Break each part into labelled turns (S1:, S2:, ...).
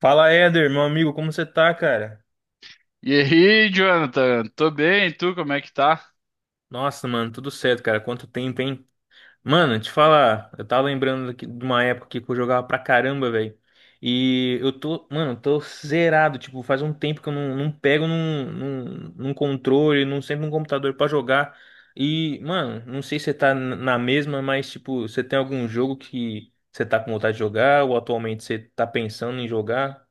S1: Fala, Éder, meu amigo, como você tá, cara?
S2: E aí, Jonathan? Tô bem, e tu como é que tá?
S1: Nossa, mano, tudo certo, cara. Quanto tempo, hein? Mano, te falar, eu tava lembrando aqui de uma época que eu jogava pra caramba, velho. E eu tô, mano, tô zerado. Tipo, faz um tempo que eu não pego num controle, não sempre num computador pra jogar. E, mano, não sei se você tá na mesma, mas, tipo, você tem algum jogo que você tá com vontade de jogar ou atualmente você tá pensando em jogar?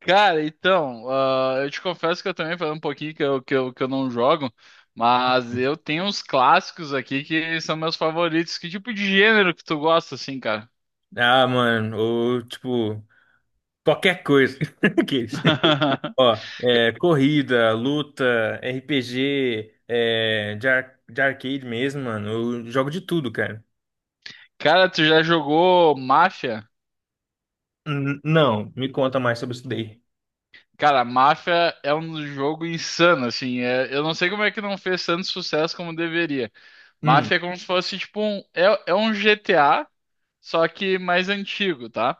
S2: Cara, então, eu te confesso que eu também falei um pouquinho que eu não jogo, mas eu tenho uns clássicos aqui que são meus favoritos. Que tipo de gênero que tu gosta, assim, cara?
S1: Ah, mano, ou, tipo, qualquer coisa. Aqueles. Ó, é, corrida, luta, RPG, é, de arcade mesmo, mano. Eu jogo de tudo, cara.
S2: Cara, tu já jogou Mafia?
S1: Não, me conta mais sobre isso daí.
S2: Cara, Mafia é um jogo insano, assim. Eu não sei como é que não fez tanto sucesso como deveria.
S1: Hum,
S2: Mafia é como se fosse, tipo, é um GTA, só que mais antigo, tá?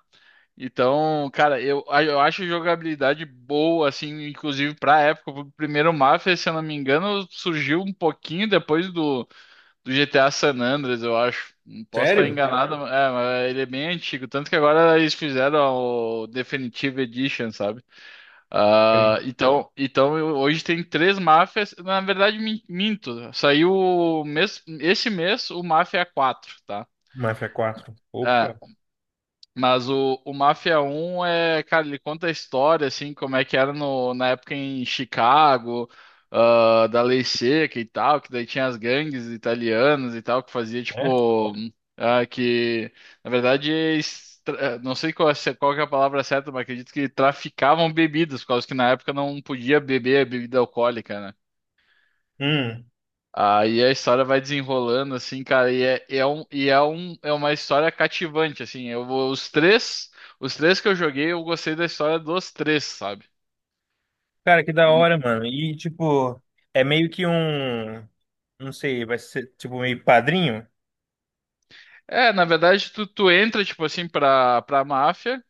S2: Então, cara, eu acho jogabilidade boa, assim, inclusive pra época. O primeiro Mafia, se eu não me engano, surgiu um pouquinho depois do GTA San Andreas, eu acho. Não posso estar
S1: sério?
S2: enganado, mas ele é bem antigo. Tanto que agora eles fizeram o Definitive Edition, sabe?
S1: Sim.
S2: Ah, então hoje tem três Mafias. Na verdade, minto. Saiu o mês, esse mês o Mafia 4 tá?
S1: Mafia 4.
S2: É,
S1: Opa.
S2: mas o Máfia um é, cara, ele conta a história, assim, como é que era no, na época em Chicago, da Lei Seca e tal, que daí tinha as gangues italianas e tal, que fazia,
S1: É?
S2: tipo, ah, que, na verdade, não sei qual, qual que é a palavra certa, mas acredito que traficavam bebidas, por causa que na época não podia beber bebida alcoólica, né?
S1: Hum,
S2: Aí a história vai desenrolando, assim, cara, é uma história cativante, assim. Os três, os três que eu joguei, eu gostei da história dos três, sabe?
S1: cara, que da hora, mano. E, tipo, é meio que um. Não sei, vai ser tipo meio padrinho?
S2: É, na verdade, tu entra, tipo assim, pra máfia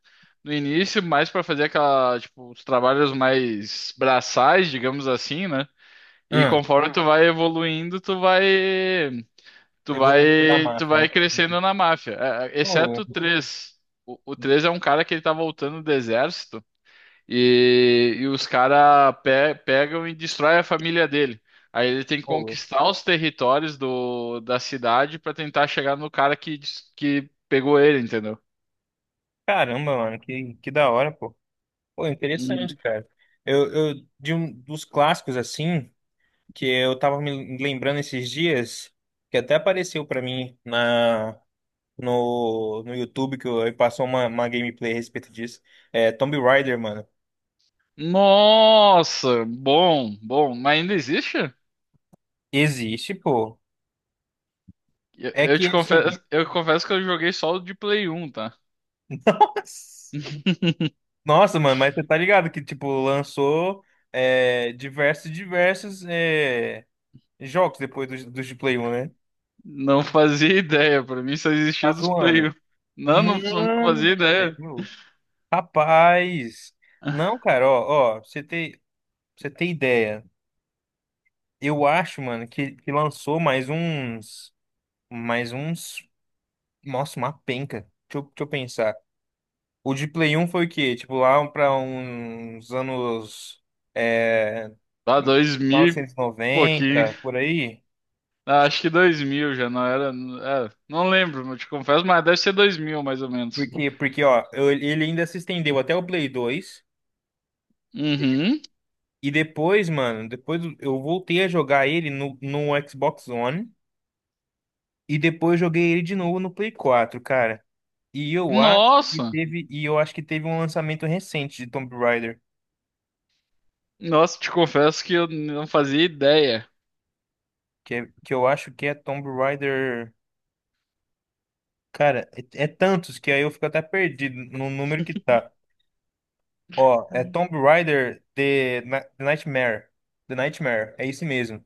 S2: no início, mais pra fazer aquela, tipo, os trabalhos mais braçais, digamos assim, né? E
S1: Hum,
S2: conforme tu vai evoluindo,
S1: eu vou ler da
S2: tu
S1: máfia,
S2: vai
S1: hein?
S2: crescendo na máfia.
S1: Ô,
S2: Exceto o 3. O 3 é um cara que ele tá voltando do exército. E os caras pe pegam e destroem a família dele. Aí ele tem que
S1: ô,
S2: conquistar os territórios da cidade pra tentar chegar no cara que pegou ele, entendeu?
S1: caramba, mano, que da hora, pô. Pô, interessante,
S2: Hum.
S1: cara. Eu de um dos clássicos assim que eu tava me lembrando esses dias, que até apareceu pra mim na no YouTube que eu, aí passou uma gameplay a respeito disso. É Tomb Raider, mano.
S2: Nossa, bom, mas ainda existe?
S1: Existe, pô. É que assim,
S2: Eu confesso que eu joguei só o de Play 1, tá?
S1: nossa, nossa, mano, mas você tá ligado que tipo lançou é, diversos diversos é, jogos depois dos de Play 1, né?
S2: Não fazia ideia, pra mim só
S1: Tá
S2: existia dos Play
S1: zoando.
S2: 1. Não, não
S1: Mano
S2: fazia
S1: do
S2: ideia.
S1: céu. Rapaz, não, cara, ó, ó, pra você ter ideia, eu acho, mano, que lançou mais uns, nossa, uma penca, deixa eu pensar, o de Play um foi o quê? Tipo, lá pra uns anos, é,
S2: Lá
S1: mil
S2: 2000 e
S1: novecentos e
S2: pouquinho.
S1: noventa por aí,
S2: Ah, acho que 2000 já não era. É, não lembro, eu te confesso, mas deve ser 2000 mais ou menos.
S1: porque, porque, ó, ele ainda se estendeu até o Play 2
S2: Uhum.
S1: e depois, mano, depois eu voltei a jogar ele no, no Xbox One. E depois joguei ele de novo no Play 4, cara. E eu acho que
S2: Nossa!
S1: teve, e eu acho que teve um lançamento recente de Tomb Raider,
S2: Nossa, te confesso que eu não fazia ideia.
S1: que, é, que eu acho que é Tomb Raider. Cara, é, é tantos que aí eu fico até perdido no número que tá. Ó, é Tomb Raider The Nightmare. The Nightmare, é isso mesmo.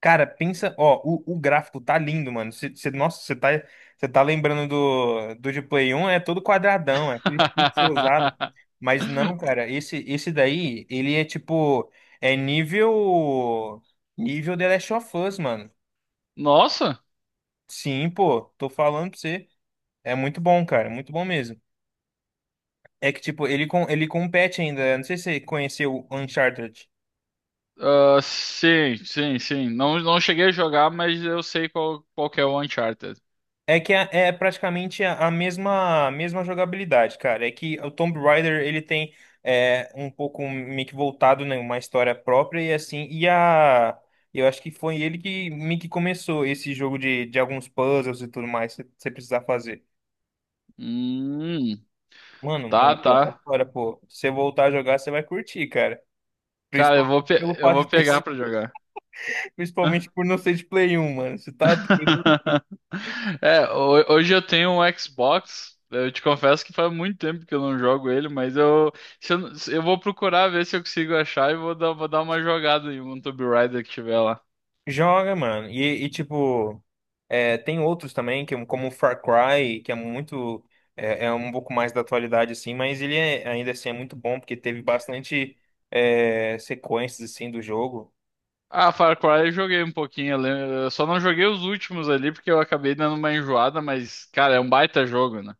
S1: Cara, pensa, ó, o gráfico tá lindo, mano. Nossa, você tá lembrando do, do de Play 1, é todo quadradão, é aquele pixelizado. Mas não, cara, esse daí, ele é tipo, é nível, nível The Last of Us, mano.
S2: Nossa!
S1: Sim, pô, tô falando pra você. É muito bom, cara, muito bom mesmo. É que, tipo, ele compete ainda. Eu não sei se você conheceu o Uncharted.
S2: Ah, sim, sim, sim. Não, não cheguei a jogar, mas eu sei qual, qual que é o Uncharted.
S1: É que é, é praticamente a mesma, mesma jogabilidade, cara. É que o Tomb Raider ele tem é, um pouco meio que voltado né, uma história própria e assim. E a eu acho que foi ele que meio que começou esse jogo de alguns puzzles e tudo mais que você precisar fazer.
S2: Hum,
S1: Mano, mas
S2: tá,
S1: é muita
S2: tá.
S1: história, pô. Se você voltar a jogar, você vai curtir, cara.
S2: Cara,
S1: Principalmente pelo
S2: eu
S1: fato
S2: vou
S1: de ter,
S2: pegar pra jogar.
S1: principalmente por não ser de Play 1, mano. Você tá.
S2: É, hoje eu tenho um Xbox. Eu te confesso que faz muito tempo que eu não jogo ele, mas eu, se eu, não- se- eu vou procurar ver se eu consigo achar e vou dar uma jogada em um Tomb Raider que tiver lá.
S1: Joga, mano. E, tipo, é, tem outros também, que, como o Far Cry, que é muito. É, é um pouco mais da atualidade, assim, mas ele é, ainda assim é muito bom, porque teve bastante é, sequências, assim, do jogo.
S2: Ah, Far Cry eu joguei um pouquinho, eu só não joguei os últimos ali porque eu acabei dando uma enjoada, mas, cara, é um baita jogo, né?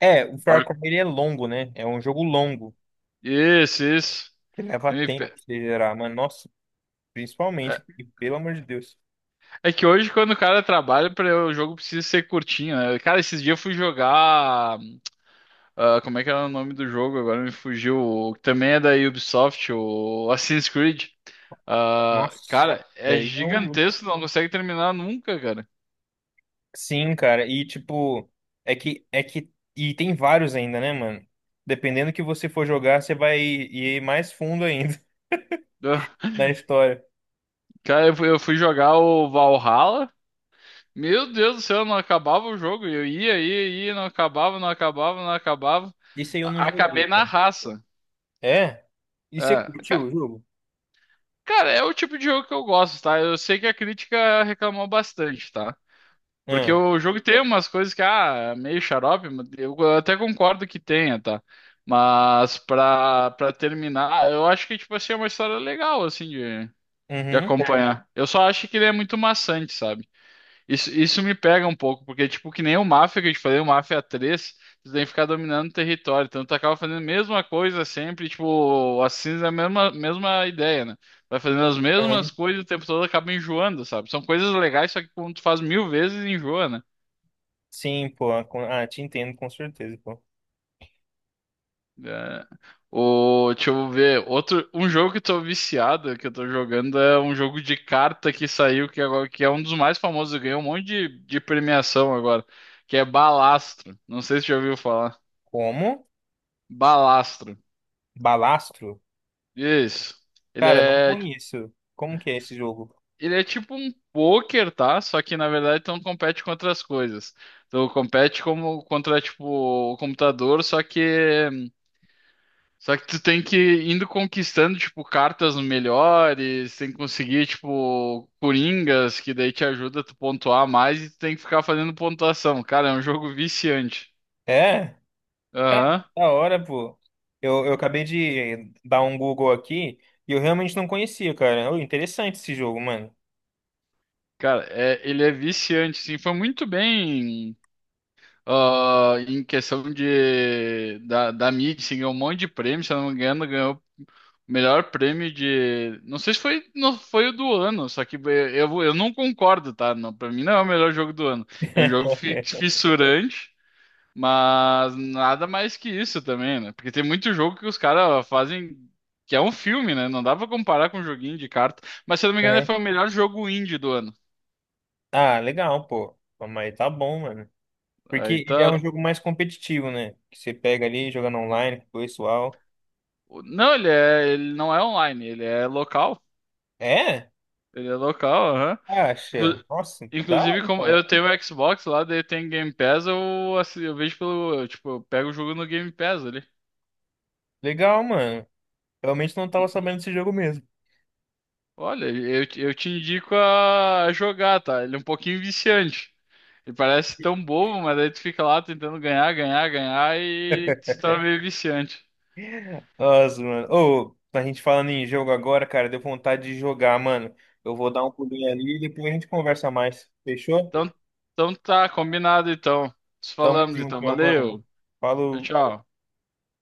S1: É, o Far
S2: Far-
S1: Cry ele é longo, né? É um jogo longo,
S2: Isso, isso.
S1: que leva tempo
S2: MP.
S1: de gerar, mas nossa,
S2: É,
S1: principalmente, e, pelo amor de Deus.
S2: é que hoje, quando o cara trabalha, o jogo precisa ser curtinho, né? Cara, esses dias eu fui jogar. Ah, como é que era o nome do jogo? Agora me fugiu. Também é da Ubisoft, o Assassin's Creed. Ah,
S1: Nossa,
S2: cara, é
S1: daí é um.
S2: gigantesco, não consegue terminar nunca, cara.
S1: Sim, cara, e tipo, é que e tem vários ainda, né, mano? Dependendo que você for jogar, você vai ir mais fundo ainda
S2: Ah,
S1: na história.
S2: cara, eu fui jogar o Valhalla. Meu Deus do céu, não acabava o jogo. Eu ia, ia, ia, não acabava, não acabava, não acabava.
S1: Isso aí eu não joguei,
S2: Acabei na
S1: cara.
S2: raça.
S1: É? E você
S2: É,
S1: curtiu o jogo?
S2: cara, é o tipo de jogo que eu gosto, tá? Eu sei que a crítica reclamou bastante, tá? Porque
S1: Ah,
S2: o jogo tem umas coisas que, é meio xarope, mas eu até concordo que tenha, tá? Mas pra terminar, eu acho que, tipo assim, é uma história legal, assim, de
S1: uhum,
S2: acompanhar. Eu só acho que ele é muito maçante, sabe? Isso me pega um pouco, porque, tipo, que nem o Mafia que eu te falei, o Mafia 3 tu tem que ficar dominando o território, então tu acaba fazendo a mesma coisa sempre, tipo, assim, é a mesma ideia, né? Vai fazendo as
S1: aham.
S2: mesmas coisas o tempo todo, acaba enjoando, sabe? São coisas legais, só que quando tu faz mil vezes, enjoa, né?
S1: Sim, pô. Com- Ah, te entendo com certeza, pô.
S2: É. O, deixa eu ver. Outro, um jogo que eu tô viciado, que eu tô jogando, é um jogo de carta que saiu, que, é agora, que é um dos mais famosos, ganhou um monte de premiação agora, que é Balastro. Não sei se já ouviu falar.
S1: Como?
S2: Balastro.
S1: Balastro?
S2: Isso. Ele
S1: Cara, não
S2: é,
S1: conheço. Como que é esse jogo?
S2: ele é tipo um poker, tá? Só que na verdade tu não compete com outras coisas. Tu compete como contra tipo o computador, só que só que tu tem que ir indo conquistando, tipo, cartas melhores, tem que conseguir, tipo, coringas, que daí te ajuda a tu pontuar mais e tu tem que ficar fazendo pontuação. Cara, é um jogo viciante.
S1: É? Tá,
S2: Aham.
S1: da hora, pô. Eu acabei de dar um Google aqui e eu realmente não conhecia, cara. Ô, interessante esse jogo, mano.
S2: Cara, é, ele é viciante, sim. Foi muito bem, em questão de, da mídia, assim, ganhou um monte de prêmio, se eu não me engano, ganhou melhor prêmio de. Não sei se foi, não, foi o do ano, só que eu não concordo, tá? Não, pra mim não é o melhor jogo do ano. É um jogo fissurante, mas nada mais que isso também, né? Porque tem muito jogo que os caras fazem. Que é um filme, né? Não dá pra comparar com um joguinho de carta. Mas se eu não me engano,
S1: Uhum.
S2: foi o melhor jogo indie do ano.
S1: Ah, legal, pô. Pô, mas tá bom, mano. Porque
S2: Aí
S1: ele é
S2: tá.
S1: um jogo mais competitivo, né? Que você pega ali, jogando online com o pessoal.
S2: Não, ele é, ele não é online, ele é local.
S1: É?
S2: Ele é local, aham.
S1: Acha?
S2: Inclu-
S1: Nossa, dá
S2: Inclusive, como
S1: então.
S2: eu tenho o Xbox lá, daí tem Game Pass, eu vejo pelo. Eu, tipo, eu pego o jogo no Game Pass ali.
S1: Legal, mano. Realmente não tava sabendo desse jogo mesmo.
S2: Olha, eu te indico a jogar, tá? Ele é um pouquinho viciante. Ele parece tão bobo, mas aí tu fica lá tentando ganhar, ganhar, ganhar e se torna meio viciante.
S1: Nossa, mano. Ô, a gente falando em jogo agora, cara, deu vontade de jogar, mano. Eu vou dar um pulinho ali e depois a gente conversa mais. Fechou?
S2: Então, então tá, combinado então. Nos
S1: Tamo
S2: falamos
S1: junto,
S2: então,
S1: meu mano.
S2: valeu. Tchau,
S1: Falou.
S2: tchau.